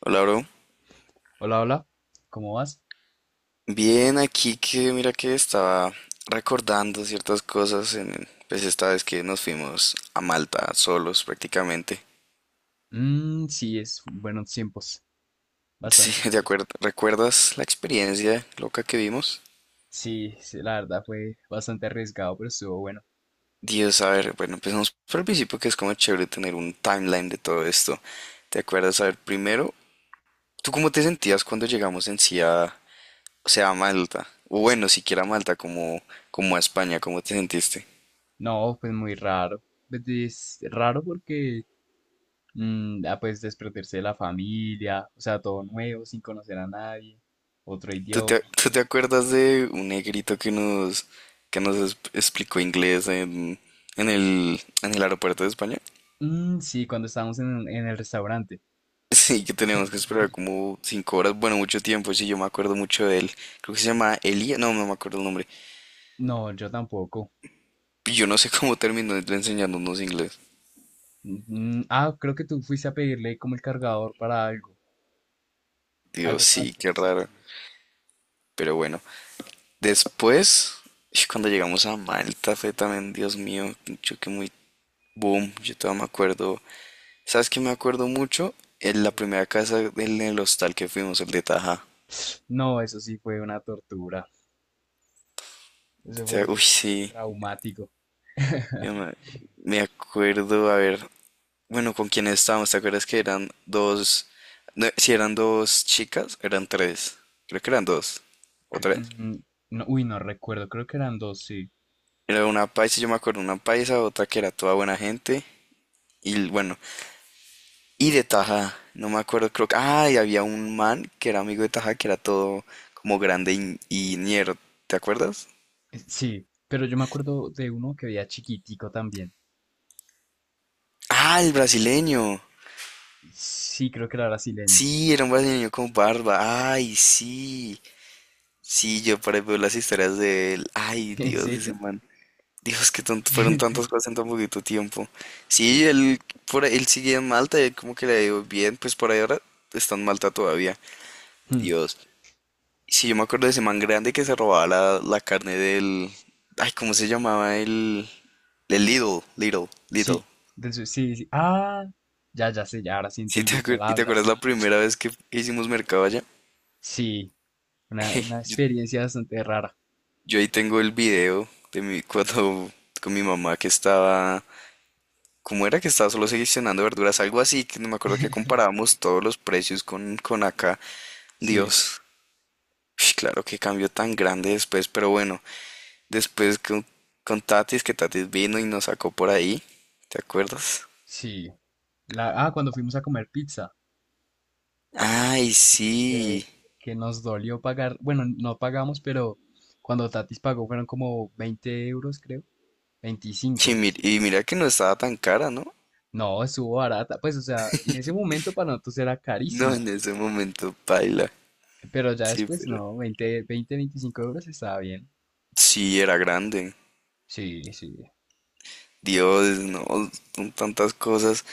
Hola, bro. Hola, hola, ¿cómo vas? Bien, aquí que mira que estaba recordando ciertas cosas pues esta vez que nos fuimos a Malta solos prácticamente. Mm, sí, es buenos tiempos, Sí, bastante de chévere. acuerdo. ¿Recuerdas la experiencia loca que vimos? Sí, sí, la verdad fue bastante arriesgado, pero estuvo bueno. Dios, a ver, bueno, empezamos por el principio que es como chévere tener un timeline de todo esto. ¿Te acuerdas? A ver, primero, ¿tú cómo te sentías cuando llegamos en sí a, o sea, a Malta? O bueno, siquiera a Malta, como a España, ¿cómo te sentiste? No, pues muy raro. Pues es raro porque, pues desprenderse de la familia, o sea, todo nuevo, sin conocer a nadie, otro ¿Tú te, idioma. tú te acuerdas de un negrito que nos explicó inglés en el aeropuerto de España? Mm, sí, cuando estábamos en el restaurante. Sí, que teníamos que esperar como 5 horas, bueno, mucho tiempo, sí, yo me acuerdo mucho de él. Creo que se llama Elia, no, no me acuerdo el nombre. No, yo tampoco. Y yo no sé cómo terminó enseñándonos inglés. Creo que tú fuiste a pedirle como el cargador para algo. Dios, Algo sí, pasó, qué sí, raro. sí. Pero bueno, después, y cuando llegamos a Malta, fue también, Dios mío, un choque muy boom, yo todavía me acuerdo. ¿Sabes qué me acuerdo mucho? En la ¿Qué? primera casa del el hostal que fuimos, el de Taja. No, eso sí fue una tortura. Eso O sea, fue uy, sí, traumático. yo me, me acuerdo, a ver, bueno, ¿con quién estábamos? ¿Te acuerdas que eran dos, no, si eran dos chicas, eran tres, creo que eran dos o tres? Mm, no, uy, no recuerdo, creo que eran dos, sí. Era una paisa, yo me acuerdo, una paisa, otra que era toda buena gente, y bueno, y de Taja, no me acuerdo, creo que, ah, y había un man que era amigo de Taja, que era todo como grande y ñero, ¿te acuerdas? Sí, pero yo me acuerdo de uno que veía chiquitico también. Ah, el brasileño. Sí, creo que era brasileño. Sí, era un brasileño con barba. Ay, sí. Sí, yo por ahí veo las historias de él. Ay, ¿En Dios, ese serio? man. Dios, que tanto, fueron tantas cosas en tan poquito tiempo. Sí. Sí, él, él sigue en Malta, y como que le ha bien, pues por ahí ahora está en Malta todavía. Hmm, Dios. Sí, yo me acuerdo de ese man grande que se robaba la carne del... Ay, ¿cómo se llamaba el... El Lidl, Lidl, Lidl. sí, sí, sí. Ah, ya, ya sé, ya ahora sí Sí, entendí cuál ¿y te hablas. acuerdas la primera vez que hicimos mercado allá? Sí, una Yo experiencia bastante rara. Yo ahí tengo el video de mi cuando con mi mamá que estaba, ¿cómo era que estaba solo seleccionando verduras? Algo así, que no me acuerdo que comparábamos todos los precios con acá. Sí, Dios, uy, claro que cambio tan grande después, pero bueno, después con Tatis, que Tatis vino y nos sacó por ahí, ¿te acuerdas? sí. Cuando fuimos a comer pizza. Ay, Sí, sí. que nos dolió pagar, bueno, no pagamos, pero cuando Tatis pagó fueron como 20 euros, creo, Sí, 25. Y mira que no estaba tan cara, ¿no? No, estuvo barata, pues, o sea, en ese momento para nosotros era No, carísima, en ese momento, paila. pero ya Sí, después, pero... no, 20, 20, 25 euros estaba bien. sí, era grande. Sí, sí. Dios, no, son tantas cosas.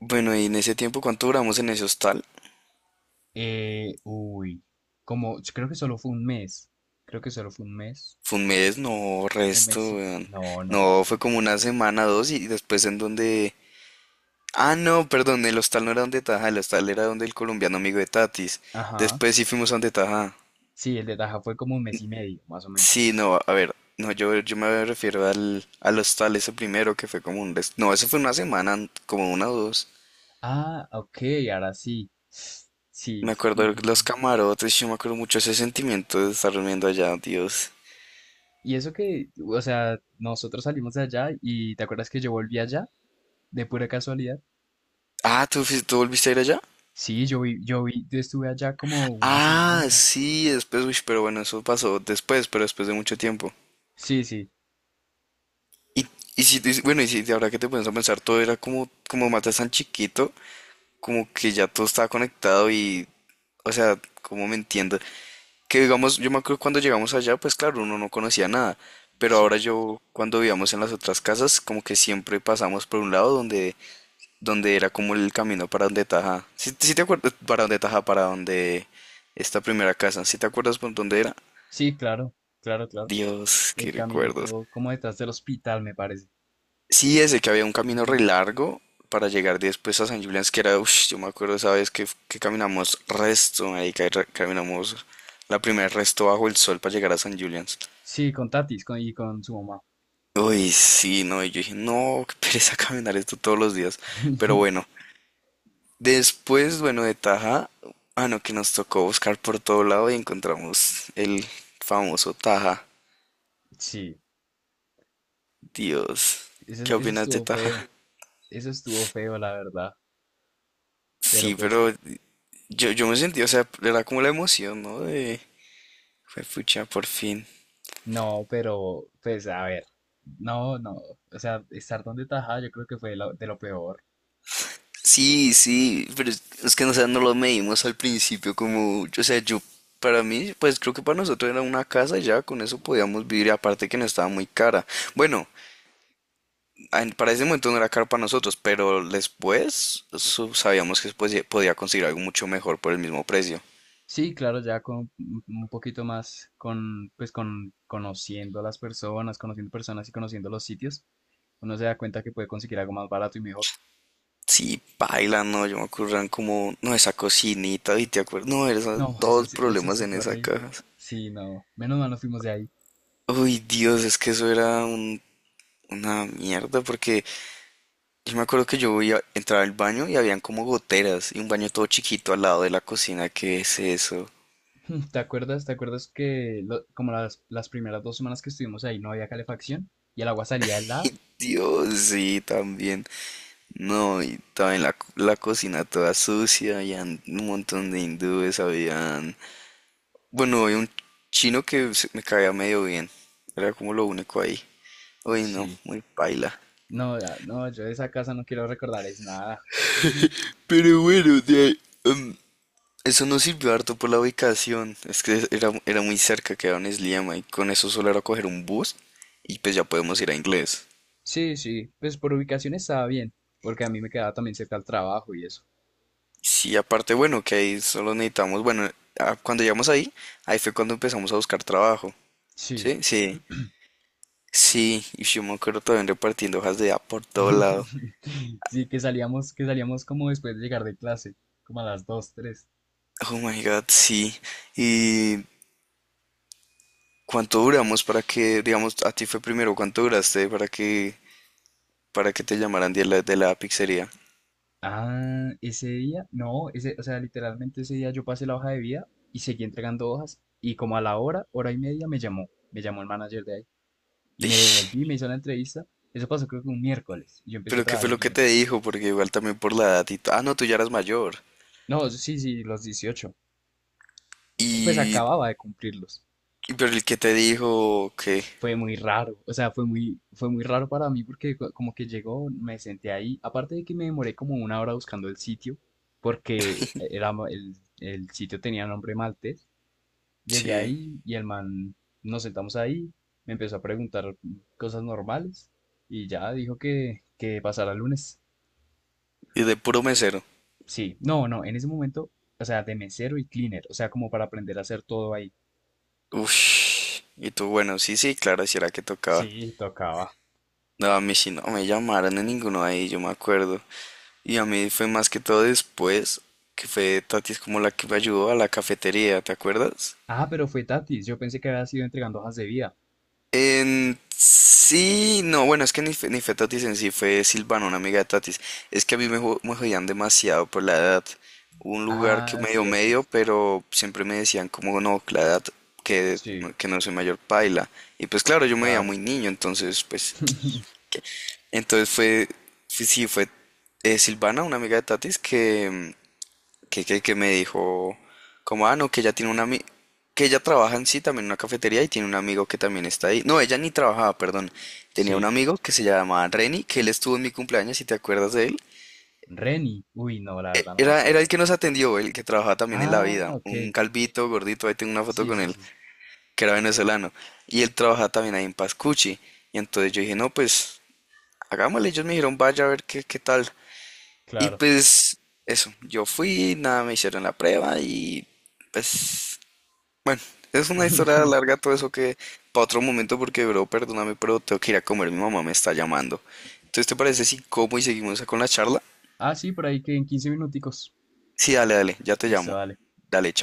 Bueno, y en ese tiempo, ¿cuánto duramos en ese hostal? Eh, uy, como, yo creo que solo fue un mes, creo que solo fue Fue un mes, no, un resto, mes y, weón. no, No, no, fue como una semana, dos, y después en donde... Ah, no, perdón, el hostal no era donde Taja, el hostal era donde el colombiano amigo de Tatis. ajá, Después sí fuimos a donde Taja. sí, el de Taja fue como un mes y medio, más o menos. Sí, no, a ver, no, yo me refiero al hostal ese primero, que fue como no, eso fue una semana, como una o dos. Ah, ok, ahora sí. Sí. Me acuerdo de los camarotes, yo me acuerdo mucho ese sentimiento de estar durmiendo allá, Dios. y eso que, o sea, nosotros salimos de allá y ¿te acuerdas que yo volví allá de pura casualidad? Ah, ¿tú, tú volviste a ir allá? Sí, yo estuve allá como una Ah, semana. sí, después, uy, pero bueno, eso pasó después, pero después de mucho tiempo. Sí, sí, Y bueno, y si de ahora que te pones a pensar, todo era como, como matas tan chiquito, como que ya todo estaba conectado y, o sea, como me entiendo. Que digamos, yo me acuerdo cuando llegamos allá, pues claro, uno no conocía nada, pero ahora sí. yo, cuando vivíamos en las otras casas, como que siempre pasamos por un lado donde era como el camino para donde Taja. ¿Si te acuerdas? Para donde Taja, para donde esta primera casa. ¿Si te acuerdas por dónde era? Sí, claro, claro, claro. Dios, El qué recuerdos. caminito como detrás del hospital, me parece. Sí, ese que había un camino re Ujú. largo para llegar después a San Julián, que era, uff, yo me acuerdo esa vez que caminamos resto, ahí que caminamos la primera resto bajo el sol para llegar a San Julián. Sí, con Tatis con, y con su mamá. Uy, sí, no, y yo dije, no, qué pereza caminar esto todos los días. Pero bueno, después, bueno, de Taja, ah, no, que nos tocó buscar por todo lado y encontramos el famoso Taja. Sí, Dios, ese, ¿qué ese opinas de estuvo feo. Taja? Eso estuvo feo, la verdad. Pero Sí, pues. pero yo me sentí, o sea, era como la emoción, ¿no? De, fue pucha, por fin. No, pero pues a ver, no, no, o sea, estar donde tajada yo creo que fue lo- de lo peor. Sí, sí, pero es que no, o sea, no lo medimos al principio como, o sea, yo, para mí, pues creo que para nosotros era una casa y ya con eso podíamos vivir, y aparte que no estaba muy cara. Bueno, para ese momento no era caro para nosotros, pero después sabíamos que después podía conseguir algo mucho mejor por el mismo precio. Sí, claro, ya con un poquito más con, pues con conociendo a las personas, conociendo personas y conociendo los sitios, uno se da cuenta que puede conseguir algo más barato y mejor. Sí, paila, no, yo me acuerdo como, no, esa cocinita, y te acuerdas, no, eran No, dos eso problemas sí en fue esa horrible. caja. Sí, no, menos mal nos fuimos de ahí. Uy, Dios, es que eso era una mierda, porque yo me acuerdo que yo iba, entraba al baño y habían como goteras, y un baño todo chiquito al lado de la cocina, ¿qué es eso? ¿Te acuerdas? ¿Te acuerdas que lo- como las primeras 2 semanas que estuvimos ahí no había calefacción y el agua salía helada? Dios, sí, también. No, y también la cocina toda sucia, había un montón de hindúes, habían... bueno, había un chino que me caía medio bien, era como lo único ahí. Uy, no, Sí. muy paila. No, ya, no, yo de esa casa no quiero recordar es nada. No. Pero bueno, de ahí, eso nos sirvió harto por la ubicación, es que era, era muy cerca, quedaba en Sliema, y con eso solo era coger un bus, y pues ya podemos ir a inglés. Sí, sí, pues por ubicación estaba bien, porque a mí me quedaba también cerca al trabajo y eso. Sí, aparte, bueno, que ahí solo necesitamos, bueno, ah, cuando llegamos ahí, ahí fue cuando empezamos a buscar trabajo. Sí. ¿Sí? Sí, sí, y yo me acuerdo también repartiendo hojas de A por todo lado. Sí, que salíamos como después de llegar de clase, como a las 2, 3. Oh my God, sí. ¿Y cuánto duramos para que, digamos, a ti fue primero, cuánto duraste para que te llamaran de la pizzería? Ese día, no, ese, o sea, literalmente ese día yo pasé la hoja de vida y seguí entregando hojas y como a la hora, hora y media me llamó el manager de ahí y me Ish, devolví, me hizo la entrevista. Eso pasó creo que un miércoles y yo empecé a pero qué trabajar fue el lo que te lunes. dijo, porque igual también por la edad ah, no, tú ya eras mayor. No, sí, sí, los 18. Pues Y... acababa de cumplirlos. Pero el que te dijo que... Fue muy raro, o sea, fue muy raro para mí porque como que llegó, me senté ahí, aparte de que me demoré como una hora buscando el sitio, porque era, el sitio tenía nombre maltés, llegué sí, ahí y el man, nos sentamos ahí, me empezó a preguntar cosas normales y ya dijo que pasara el lunes. y de puro mesero. Sí, no, no, en ese momento, o sea, de mesero y cleaner, o sea, como para aprender a hacer todo ahí. Ush, y tú, bueno, sí, sí, claro, si era que tocaba. Sí, tocaba. No, a mí sí no me llamaron en ninguno de ahí, yo me acuerdo. Y a mí fue más que todo después, que fue Tati es como la que me ayudó a la cafetería, ¿te acuerdas? Ah, pero fue Tatis. Yo pensé que había sido entregando hojas de vida. En sí, no, bueno, es que ni fue Tatis en sí, fue Silvana, una amiga de Tatis. Es que a mí me, me jodían demasiado por la edad. Hubo un lugar que Ah, medio cierto. medio, pero siempre me decían como no, la edad que, Sí, que no soy mayor paila. Y pues claro, yo me veía claro. muy niño, entonces pues entonces sí, fue Silvana, una amiga de Tatis, que, mm, que me dijo, como, ah, no, que ella tiene que ella trabaja en sí también en una cafetería y tiene un amigo que también está ahí. No, ella ni trabajaba, perdón. Tenía un Sí. amigo que se llamaba Renny, que él estuvo en mi cumpleaños, si te acuerdas de él. Reni. Uy, no, la verdad no me Era, era el acuerdo. que nos atendió, el que trabajaba también en la Ah, vida. ok. Un calvito, gordito, ahí tengo una foto Sí, con sí, él, sí. que era venezolano. Y él trabajaba también ahí en Pascucci. Y entonces yo dije, no, pues hagámosle. Ellos me dijeron, vaya a ver qué, qué tal. Y Claro. pues eso, yo fui, nada, me hicieron la prueba y pues bueno, es una historia larga todo eso que para otro momento porque bro, perdóname, pero tengo que ir a comer, mi mamá me está llamando. Entonces, ¿te parece si como y seguimos con la charla? Ah, sí, por ahí que en 15 minuticos. Sí, dale, dale, ya te Listo, llamo. dale. Dale, chao.